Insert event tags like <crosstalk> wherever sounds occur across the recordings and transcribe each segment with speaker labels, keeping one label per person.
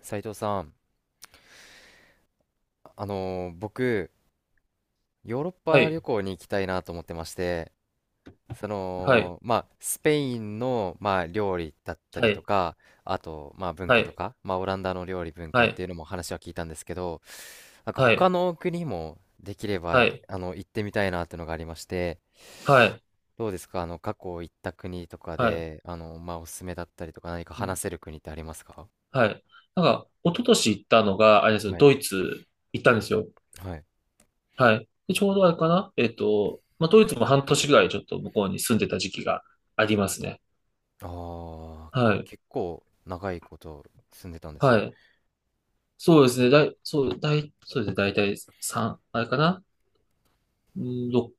Speaker 1: 斉藤さん、僕、ヨーロッ
Speaker 2: は
Speaker 1: パ旅
Speaker 2: い、
Speaker 1: 行に行きたいなと思ってまして、
Speaker 2: はい、
Speaker 1: まあ、スペインの、まあ、料理だった
Speaker 2: は
Speaker 1: りと
Speaker 2: い、
Speaker 1: か、あと、まあ、文
Speaker 2: は
Speaker 1: 化と
Speaker 2: い、
Speaker 1: か、まあ、オランダの料理文
Speaker 2: は
Speaker 1: 化って
Speaker 2: い、
Speaker 1: いうのも話は聞いたんですけど、なんか
Speaker 2: は
Speaker 1: 他
Speaker 2: い、
Speaker 1: の国もできれ
Speaker 2: は
Speaker 1: ば、
Speaker 2: い、
Speaker 1: 行ってみたいなっていうのがありまして、
Speaker 2: はい、
Speaker 1: どうですか、過去行った国とか
Speaker 2: はい、
Speaker 1: で、まあ、おすすめだったりとか、何か
Speaker 2: う
Speaker 1: 話
Speaker 2: ん、
Speaker 1: せる国ってありますか？
Speaker 2: はい。なんか、一昨年行ったのが、あれですよ、
Speaker 1: はい。
Speaker 2: ドイツ行ったんですよ。
Speaker 1: はい。
Speaker 2: はい。で、ちょうどあれかなまあ、ドイツも半年ぐらいちょっと向こうに住んでた時期がありますね。
Speaker 1: ああ、
Speaker 2: はい、
Speaker 1: 結構長いこと住んでたんです
Speaker 2: は
Speaker 1: ね。
Speaker 2: い。そうですね、だい、そう、だい、そうですね、だいたい3、あれかなうん、ろ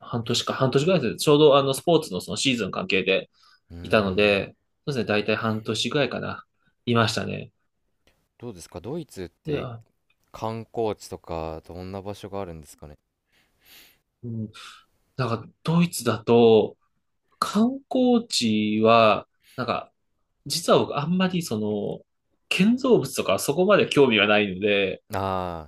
Speaker 2: 半年ぐらいですね。ちょうどスポーツのそのシーズン関係で
Speaker 1: うー
Speaker 2: いたの
Speaker 1: ん、
Speaker 2: で、そうですね、だいたい半年ぐらいかな。いましたね。
Speaker 1: どうですか、ドイツっ
Speaker 2: い
Speaker 1: て
Speaker 2: や、
Speaker 1: 観光地とかどんな場所があるんですかね。
Speaker 2: うん、なんかドイツだと観光地は、なんか実は僕あんまりその建造物とかそこまで興味がないので、
Speaker 1: あ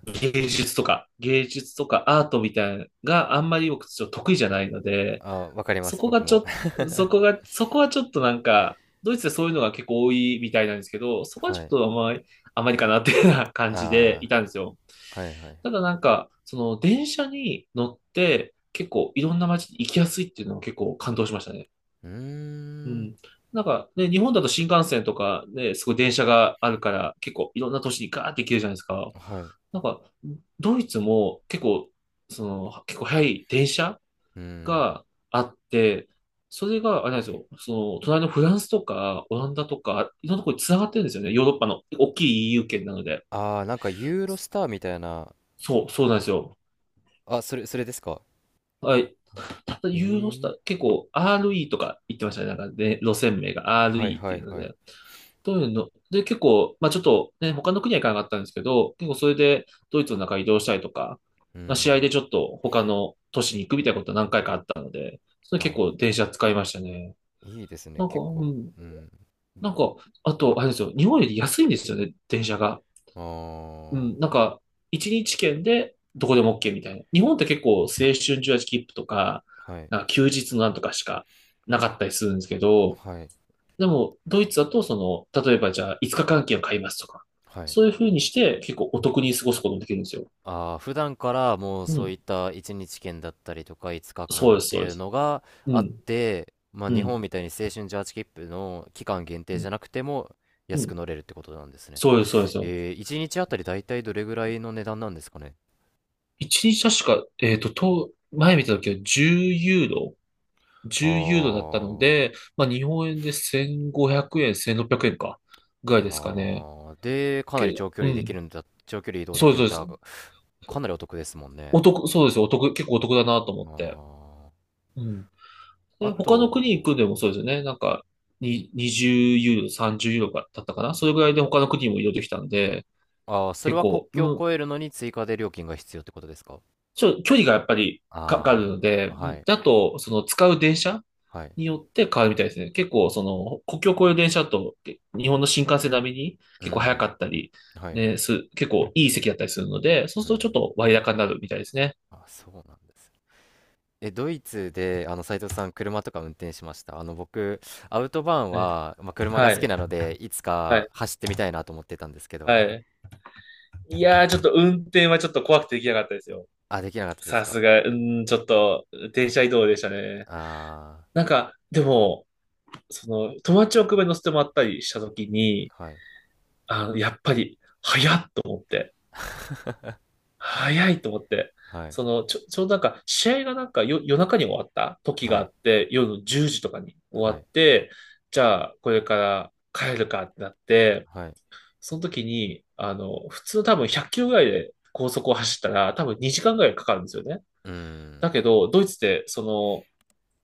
Speaker 1: ー、
Speaker 2: 芸術とかアートみたいなのがあんまり僕ちょっと得意じゃないので、
Speaker 1: あー、わかりま
Speaker 2: そ
Speaker 1: す、
Speaker 2: こ
Speaker 1: 僕
Speaker 2: がちょ
Speaker 1: も。
Speaker 2: っと、そこが、そこはちょっとなんか、ドイツでそういうのが結構多いみたいなんですけど、
Speaker 1: <laughs>
Speaker 2: そこはち
Speaker 1: は
Speaker 2: ょっ
Speaker 1: い。
Speaker 2: とあまり、あまりかなっていうような感じでい
Speaker 1: あ
Speaker 2: たんですよ。
Speaker 1: あ、はいはい。
Speaker 2: ただなんか、その電車に乗って結構いろんな街に行きやすいっていうのは結構感動しましたね。
Speaker 1: うー
Speaker 2: う
Speaker 1: ん、
Speaker 2: ん。なんかね、日本だと新幹線とかね、すごい電車があるから結構いろんな都市にガーって行けるじゃないですか。
Speaker 1: はい。
Speaker 2: なんか、ドイツも結構早い電車
Speaker 1: うん。
Speaker 2: があって、それが、あれなんですよ、その、隣のフランスとか、オランダとか、いろんなところに繋がってるんですよね。ヨーロッパの大きい EU 圏なので。
Speaker 1: ああ、なんかユーロスターみたいな。
Speaker 2: そう、そうなんですよ。
Speaker 1: あ、それですか？
Speaker 2: はい。
Speaker 1: はい。
Speaker 2: ただ、ユーロスター、結構 RE とか言ってましたね。なんかね、路線名が
Speaker 1: はい
Speaker 2: RE っ
Speaker 1: は
Speaker 2: て
Speaker 1: い
Speaker 2: いうの
Speaker 1: はい。
Speaker 2: で。どういうので、結構、まあちょっとね、他の国は行かなかったんですけど、結構それでドイツの中移動したりとか、
Speaker 1: う
Speaker 2: まあ、試合
Speaker 1: ん。
Speaker 2: でちょっと他の都市に行くみたいなことは何回かあったので、それ
Speaker 1: あ
Speaker 2: 結構電車使いましたね。
Speaker 1: ー、いいですね、
Speaker 2: なんか、
Speaker 1: 結
Speaker 2: う
Speaker 1: 構。
Speaker 2: ん。
Speaker 1: うん。
Speaker 2: なんか、あと、あれですよ、日本より安いんですよね、電車が。
Speaker 1: あ
Speaker 2: うん、
Speaker 1: あ、
Speaker 2: なんか、一日券でどこでも OK みたいな。日本って結構青春18切符とか、
Speaker 1: はい、
Speaker 2: なんか休日のなんとかしかなかったりするんですけど、
Speaker 1: はい、
Speaker 2: でも、ドイツだと、その、例えばじゃあ5日間券を買いますとか、
Speaker 1: はい。
Speaker 2: そういう風にして結構お得に過ごすこともできるんですよ。
Speaker 1: ああ、普段からもう
Speaker 2: う
Speaker 1: そう
Speaker 2: ん、
Speaker 1: いった1日券だったりとか5日
Speaker 2: そう
Speaker 1: 間っ
Speaker 2: です、
Speaker 1: て
Speaker 2: そう
Speaker 1: い
Speaker 2: で
Speaker 1: う
Speaker 2: す。
Speaker 1: のが
Speaker 2: う
Speaker 1: あっ
Speaker 2: ん、
Speaker 1: て、まあ
Speaker 2: う
Speaker 1: 日本
Speaker 2: ん、
Speaker 1: みたいに青春18切符の期間限定
Speaker 2: う
Speaker 1: じゃ
Speaker 2: ん、
Speaker 1: なくても
Speaker 2: う
Speaker 1: 安く
Speaker 2: ん、
Speaker 1: 乗れるってことなんですね。
Speaker 2: そうです、そうですよ。
Speaker 1: 1日あたりだいたいどれぐらいの値段なんですかね。
Speaker 2: 一日確か、前見た時は10ユーロ
Speaker 1: あ
Speaker 2: 10ユーロだったの
Speaker 1: ー、
Speaker 2: で、まあ、日本円で1500円、1600円か、ぐらいですかね。
Speaker 1: あー、で、かなり
Speaker 2: うん。
Speaker 1: 長距離移動で
Speaker 2: そ
Speaker 1: き
Speaker 2: う
Speaker 1: るん
Speaker 2: です、
Speaker 1: だ
Speaker 2: そ
Speaker 1: っ
Speaker 2: うで
Speaker 1: たら、
Speaker 2: す。
Speaker 1: かなりお得ですもん
Speaker 2: お
Speaker 1: ね。
Speaker 2: 得、そうですよ。お得、結構お得だなと思って。
Speaker 1: あ
Speaker 2: うん。
Speaker 1: あ、
Speaker 2: で、
Speaker 1: あ
Speaker 2: 他の国行
Speaker 1: と、
Speaker 2: くんでもそうですよね。なんか、20ユーロ、30ユーロだったかな。それぐらいで他の国も移動できたんで、
Speaker 1: それ
Speaker 2: 結
Speaker 1: は国
Speaker 2: 構、う
Speaker 1: 境を
Speaker 2: ん、
Speaker 1: 越えるのに追加で料金が必要ってことですか？
Speaker 2: 距離がやっぱりかかる
Speaker 1: あ
Speaker 2: ので、
Speaker 1: あー、はい。
Speaker 2: あと、その使う電車
Speaker 1: はい。
Speaker 2: によって変わるみたいですね。結構、その、国境を越える電車だと、日本の新幹線並みに
Speaker 1: う
Speaker 2: 結構早か
Speaker 1: ん。
Speaker 2: ったり、
Speaker 1: はいはい。
Speaker 2: ね、結構いい席だったりするので、そう
Speaker 1: う
Speaker 2: するとちょっ
Speaker 1: ん。
Speaker 2: と割高になるみたいですね。
Speaker 1: あ、そうなんですね。ドイツで、斉藤さん、車とか運転しました？僕、アウトバーン
Speaker 2: はい
Speaker 1: は、まあ、車が
Speaker 2: は
Speaker 1: 好き
Speaker 2: い。
Speaker 1: なので、いつ
Speaker 2: は
Speaker 1: か
Speaker 2: い。
Speaker 1: 走ってみたいなと思ってたんですけど。
Speaker 2: はい。いやー、ちょっと運転はちょっと怖くてできなかったですよ。
Speaker 1: あ、できなかったです
Speaker 2: さ
Speaker 1: か？
Speaker 2: すが、うん、ちょっと、電車移動でしたね。
Speaker 1: あ
Speaker 2: なんか、でも、その、友達を車に乗せてもらったりしたときに、
Speaker 1: あー、はい、
Speaker 2: やっぱり、早っと思って、早いと思って、
Speaker 1: はい、
Speaker 2: その、ちょうどなんか、試合がなんか夜、夜中に終わった時
Speaker 1: は
Speaker 2: があ
Speaker 1: い、
Speaker 2: って、夜の10時とかに終
Speaker 1: は
Speaker 2: わ
Speaker 1: い、
Speaker 2: って、じゃあ、これから帰るかってなって、
Speaker 1: はい。
Speaker 2: その時に、普通多分100キロぐらいで高速を走ったら、多分2時間ぐらいかかるんですよね。
Speaker 1: うん、
Speaker 2: だけど、ドイツで、そ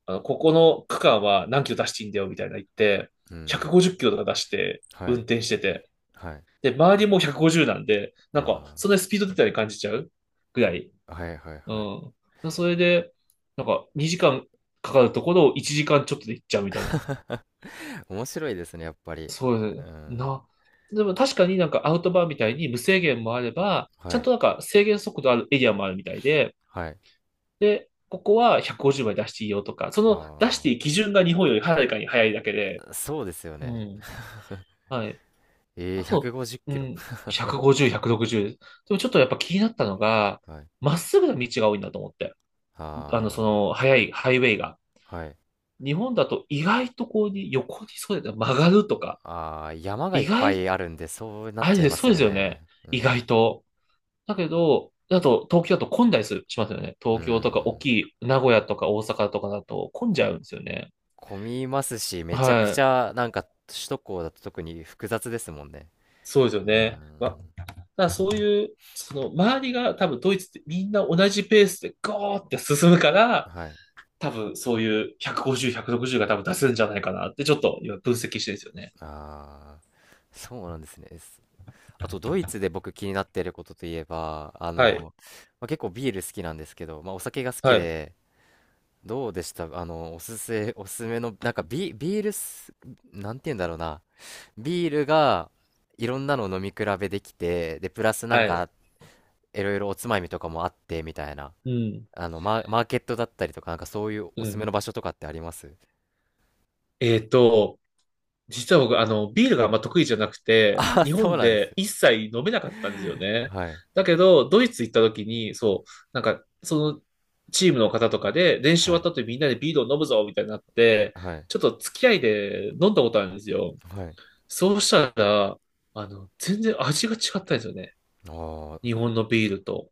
Speaker 2: の、ここの区間は何キロ出していいんだよ、みたいな言って、
Speaker 1: う
Speaker 2: 150
Speaker 1: ん、
Speaker 2: キロとか出して、
Speaker 1: は
Speaker 2: 運
Speaker 1: い、
Speaker 2: 転してて、
Speaker 1: はい。
Speaker 2: で、周りも150なんで、なんか、
Speaker 1: あ
Speaker 2: そんなにスピード出たり感じちゃうぐらい。
Speaker 1: あ、はい、はい、
Speaker 2: う
Speaker 1: はい。
Speaker 2: ん。それで、なんか、2時間かかるところを1時間ちょっとで行っちゃうみたいな。
Speaker 1: <laughs> 面白いですね、やっぱり。
Speaker 2: そう
Speaker 1: う
Speaker 2: ですね
Speaker 1: ん、
Speaker 2: な。でも確かになんかアウトバーみたいに無制限もあれば、ち
Speaker 1: は
Speaker 2: ゃん
Speaker 1: い、
Speaker 2: となんか制限速度あるエリアもあるみたいで、
Speaker 1: はい。
Speaker 2: で、ここは150まで出していいよとか、その出していい
Speaker 1: あ
Speaker 2: 基準が日本よりはるかに早いだけで、
Speaker 1: あ、そうですよ
Speaker 2: う
Speaker 1: ね。
Speaker 2: ん。はい。
Speaker 1: えー、
Speaker 2: あと、
Speaker 1: 150キ
Speaker 2: う
Speaker 1: ロ。
Speaker 2: ん、150、160。でもちょっとやっぱ気になったのが、
Speaker 1: はい。
Speaker 2: まっすぐな道が多いんだと思って。そ
Speaker 1: あ
Speaker 2: の、速いハイウェイが。
Speaker 1: ー、はい。
Speaker 2: 日本だと意外とこうに横にそうだよね曲がるとか。
Speaker 1: あー、山がいっ
Speaker 2: 意
Speaker 1: ぱ
Speaker 2: 外、
Speaker 1: いあるんで、そうなっ
Speaker 2: あ
Speaker 1: ち
Speaker 2: れ
Speaker 1: ゃい
Speaker 2: で
Speaker 1: ます
Speaker 2: そうで
Speaker 1: よ
Speaker 2: すよね。
Speaker 1: ね。う
Speaker 2: 意
Speaker 1: ん。
Speaker 2: 外と。だけど東京だと混んだりする、しますよね。
Speaker 1: う
Speaker 2: 東京とか大き
Speaker 1: ん。
Speaker 2: い名古屋とか大阪とかだと混んじ
Speaker 1: こ、
Speaker 2: ゃうんですよね。
Speaker 1: 混みますし、めちゃく
Speaker 2: は
Speaker 1: ち
Speaker 2: い。
Speaker 1: ゃ、なんか、首都高だと特に複雑ですもんね。
Speaker 2: そうですよ
Speaker 1: う
Speaker 2: ね。まあ、
Speaker 1: ん。
Speaker 2: だからそういう、その周りが多分ドイツってみんな同じペースでゴーって進むから、
Speaker 1: はい。
Speaker 2: 多分そういう150、160が多分出せるんじゃないかなってちょっと今分析してるんですよね。
Speaker 1: あー、そうなんですね。あと、ドイツで僕気になっていることといえば、
Speaker 2: はい。
Speaker 1: まあ、結構ビール好きなんですけど、まあ、お酒が好き
Speaker 2: はい。
Speaker 1: で、どうでした？おすすめの、なんかビールす、なんて言うんだろうな。ビールが、いろんなのを飲み比べできて、で、プラスなん
Speaker 2: はい。
Speaker 1: か、いろいろおつまみとかもあって、みたいな。
Speaker 2: うん。
Speaker 1: マーケットだったりとか、なんかそういう
Speaker 2: う
Speaker 1: おすすめの
Speaker 2: ん。
Speaker 1: 場所とかってあります？
Speaker 2: えっと、実は僕、ビールがあんま得意じゃなく
Speaker 1: <laughs>
Speaker 2: て、
Speaker 1: あ、
Speaker 2: 日
Speaker 1: そう
Speaker 2: 本
Speaker 1: なんです
Speaker 2: で
Speaker 1: ね。
Speaker 2: 一切飲めなかったんですよね。
Speaker 1: はい。
Speaker 2: だけど、ドイツ行った時に、そう、なんか、その、チームの方とかで、練習
Speaker 1: は
Speaker 2: 終わっ
Speaker 1: い。
Speaker 2: た後にみんなでビールを飲むぞ、みたいになって、
Speaker 1: はい。
Speaker 2: ちょっと付き合いで飲んだことあるんですよ。
Speaker 1: はい。
Speaker 2: そうしたら、全然味が違ったんですよね。
Speaker 1: あ
Speaker 2: 日
Speaker 1: あ、
Speaker 2: 本のビールと。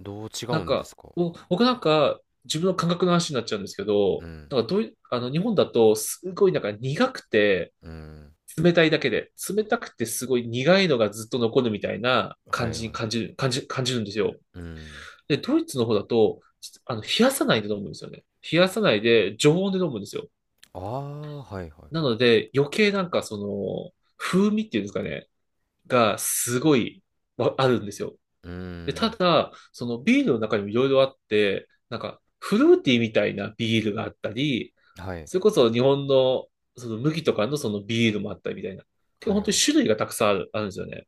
Speaker 1: どう違
Speaker 2: な
Speaker 1: う
Speaker 2: ん
Speaker 1: んで
Speaker 2: か、
Speaker 1: すか？
Speaker 2: 僕なんか、自分の感覚の話になっちゃうんですけ
Speaker 1: う
Speaker 2: ど、
Speaker 1: ん。
Speaker 2: なんかどういあの、日本だと、すごいなんか苦くて、
Speaker 1: うん。
Speaker 2: 冷たいだけで、冷たくてすごい苦いのがずっと残るみたいな
Speaker 1: は
Speaker 2: 感
Speaker 1: い
Speaker 2: じに
Speaker 1: はい。
Speaker 2: 感じる、感じ、感じるんですよ。
Speaker 1: うん。
Speaker 2: で、ドイツの方だと、冷やさないで飲むんですよね。冷やさないで、常温で飲むんですよ。
Speaker 1: ああ、はいはい。
Speaker 2: なので、余計なんかその、風味っていうんですかね、がすごいあるんですよ。
Speaker 1: う
Speaker 2: で、た
Speaker 1: ん。
Speaker 2: だ、そのビールの中にもいろいろあって、なんかフルーティーみたいなビールがあったり、
Speaker 1: はい。
Speaker 2: それこそ日本のその麦とかのそのビールもあったりみたいな。結構
Speaker 1: はい
Speaker 2: 本
Speaker 1: はい。
Speaker 2: 当に種類がたくさんあるんですよね。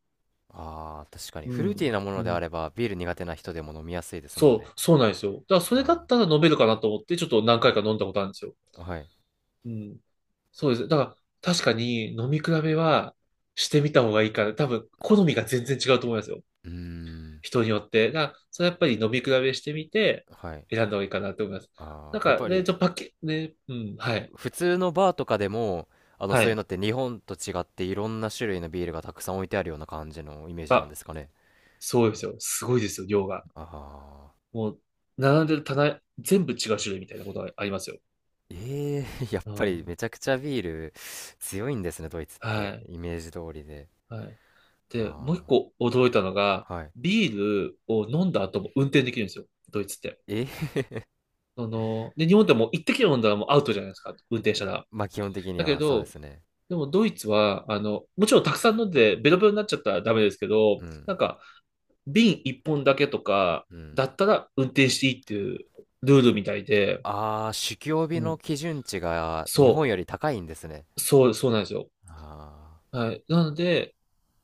Speaker 1: ああ、確かに。
Speaker 2: う
Speaker 1: フルーティーな
Speaker 2: ん。
Speaker 1: も
Speaker 2: う
Speaker 1: のであれ
Speaker 2: ん。
Speaker 1: ば、ビール苦手な人でも飲みやすいですもん
Speaker 2: そ
Speaker 1: ね。
Speaker 2: う、そうなんですよ。だからそれだった
Speaker 1: あ
Speaker 2: ら飲めるかなと思って、ちょっと何回か飲んだことあるんですよ。
Speaker 1: あ、はい。
Speaker 2: うん。そうです。だから確かに飲み比べはしてみた方がいいから、多分好みが全然違うと思いますよ。
Speaker 1: うーん、
Speaker 2: 人によって。だから、それやっぱり飲み比べしてみて、
Speaker 1: はい。
Speaker 2: 選んだ方がいいかなと思います。
Speaker 1: あ
Speaker 2: な
Speaker 1: あ、
Speaker 2: ん
Speaker 1: やっ
Speaker 2: か
Speaker 1: ぱ
Speaker 2: ね、
Speaker 1: り、
Speaker 2: ちょ、パッケ、ね、うん、はい。
Speaker 1: 普通のバーとかでも、
Speaker 2: は
Speaker 1: そういうの
Speaker 2: い。
Speaker 1: って日本と違っていろんな種類のビールがたくさん置いてあるような感じのイメージなん
Speaker 2: あ、
Speaker 1: ですかね。
Speaker 2: そうですよ。すごいですよ、量が。
Speaker 1: ああ、
Speaker 2: もう、並んでる棚、全部違う種類みたいなことがありますよ。
Speaker 1: ええー <laughs> やっ
Speaker 2: う
Speaker 1: ぱり
Speaker 2: ん。
Speaker 1: めちゃくちゃビール強いんですね、ドイツって。
Speaker 2: はい。
Speaker 1: イメージ通りで。
Speaker 2: はい。で、もう
Speaker 1: あ
Speaker 2: 一個驚いたのが、
Speaker 1: あ、はい。
Speaker 2: ビールを飲んだ後も運転できるんですよ。ドイツって。
Speaker 1: ええー
Speaker 2: で、日本でも一滴飲んだらもうアウトじゃないですか。運転したら。
Speaker 1: <laughs> まあ基本的に
Speaker 2: だけ
Speaker 1: はそうで
Speaker 2: ど、
Speaker 1: すね。
Speaker 2: でもドイツは、もちろんたくさん飲んでベロベロになっちゃったらダメですけど、
Speaker 1: うん、
Speaker 2: なんか瓶一本だけとか
Speaker 1: うん。
Speaker 2: だったら運転していいっていうルールみたいで、
Speaker 1: ああ、酒気帯び
Speaker 2: う
Speaker 1: の
Speaker 2: ん。
Speaker 1: 基準値が日本
Speaker 2: そ
Speaker 1: より高いんですね。
Speaker 2: う、そう、そうなんですよ。
Speaker 1: あ
Speaker 2: はい。なので、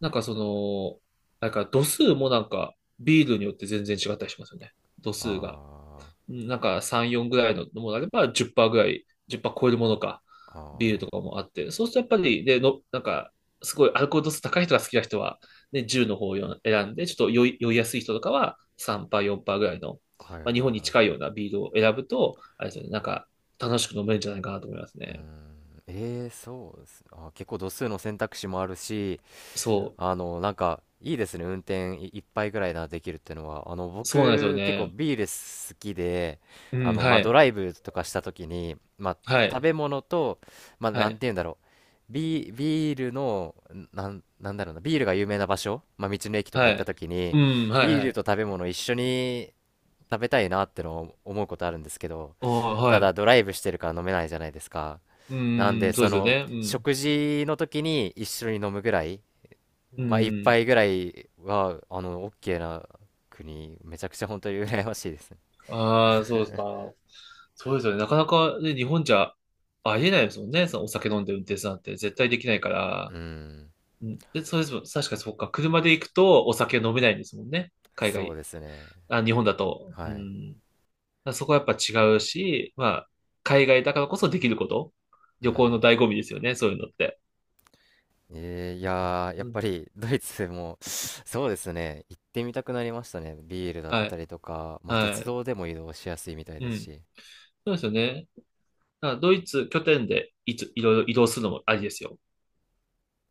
Speaker 2: なんかその、なんか度数もなんかビールによって全然違ったりしますよね。度数が。
Speaker 1: あ、
Speaker 2: なんか3、4ぐらいのものであれば10%ぐらい、10%超えるものか、
Speaker 1: あ
Speaker 2: ビ
Speaker 1: あ、
Speaker 2: ールと
Speaker 1: あ
Speaker 2: かもあって、そうするとやっぱり、なんか、すごいアルコール度数高い人が好きな人は、ね、10の方を選んで、ちょっと酔いやすい人とかは3%、4%ぐらいの、
Speaker 1: あ、はいはい
Speaker 2: まあ、日本に
Speaker 1: は
Speaker 2: 近いようなビールを選ぶと、あれですよね、なんか楽しく飲めるんじゃないかなと思います
Speaker 1: い。うー
Speaker 2: ね。
Speaker 1: ん、ええー、そうですね。あー、結構度数の選択肢もあるし、
Speaker 2: そ
Speaker 1: なんか、いいですね。運転い一杯ぐらいな、できるっていうのは。
Speaker 2: う、そうなんですよ
Speaker 1: 僕、結構
Speaker 2: ね。
Speaker 1: ビール好きで、
Speaker 2: うん、
Speaker 1: ま
Speaker 2: は
Speaker 1: あ、ド
Speaker 2: い、
Speaker 1: ライブとかした時に、まあ、
Speaker 2: は
Speaker 1: 食
Speaker 2: い、
Speaker 1: べ物と、まあ、
Speaker 2: は
Speaker 1: なん
Speaker 2: い、
Speaker 1: て言うんだろう。ビールの、なんだろうな、ビールが有名な場所、まあ、道の駅とか行っ
Speaker 2: は
Speaker 1: た
Speaker 2: い。
Speaker 1: 時
Speaker 2: う
Speaker 1: に、
Speaker 2: ん、はい、
Speaker 1: ビー
Speaker 2: は
Speaker 1: ルと
Speaker 2: い。
Speaker 1: 食べ物一緒に食べたいなってのを思うことあるんですけど、
Speaker 2: ああ、は
Speaker 1: た
Speaker 2: い。
Speaker 1: だドライブしてるから飲めないじゃないですか。
Speaker 2: う
Speaker 1: なんで、
Speaker 2: ん、そうですよね。うん、
Speaker 1: 食事の時に一緒に飲むぐらい、
Speaker 2: う
Speaker 1: まあ、一
Speaker 2: ん。
Speaker 1: 杯ぐらいは、オッケーな国、めちゃくちゃ本当に羨ましいですね。
Speaker 2: ああ、そうですか。そうですよね。なかなかね、日本じゃありえないですもんね。そのお酒飲んで運転するなんて絶対できないから。
Speaker 1: うん、
Speaker 2: うんで、そうですもん。確かにそっか。車で行くとお酒飲めないんですもんね。海
Speaker 1: そう
Speaker 2: 外。
Speaker 1: ですね。
Speaker 2: あ、日本だと。う
Speaker 1: はい。
Speaker 2: ん。だからそこはやっぱ違うし、まあ、海外だからこそできること。
Speaker 1: う
Speaker 2: 旅行の
Speaker 1: ん。
Speaker 2: 醍醐味ですよね。そういうのって。
Speaker 1: いやー、やっ
Speaker 2: う
Speaker 1: ぱ
Speaker 2: ん。
Speaker 1: りドイツも、そうですね、行ってみたくなりましたね。ビールだっ
Speaker 2: は
Speaker 1: た
Speaker 2: い。
Speaker 1: りとか、まあ、
Speaker 2: は
Speaker 1: 鉄
Speaker 2: い。
Speaker 1: 道でも移動しやすいみたい
Speaker 2: う
Speaker 1: です
Speaker 2: ん。
Speaker 1: し。
Speaker 2: そうですよね。だからドイツ拠点でいろいろ移動するのもありですよ。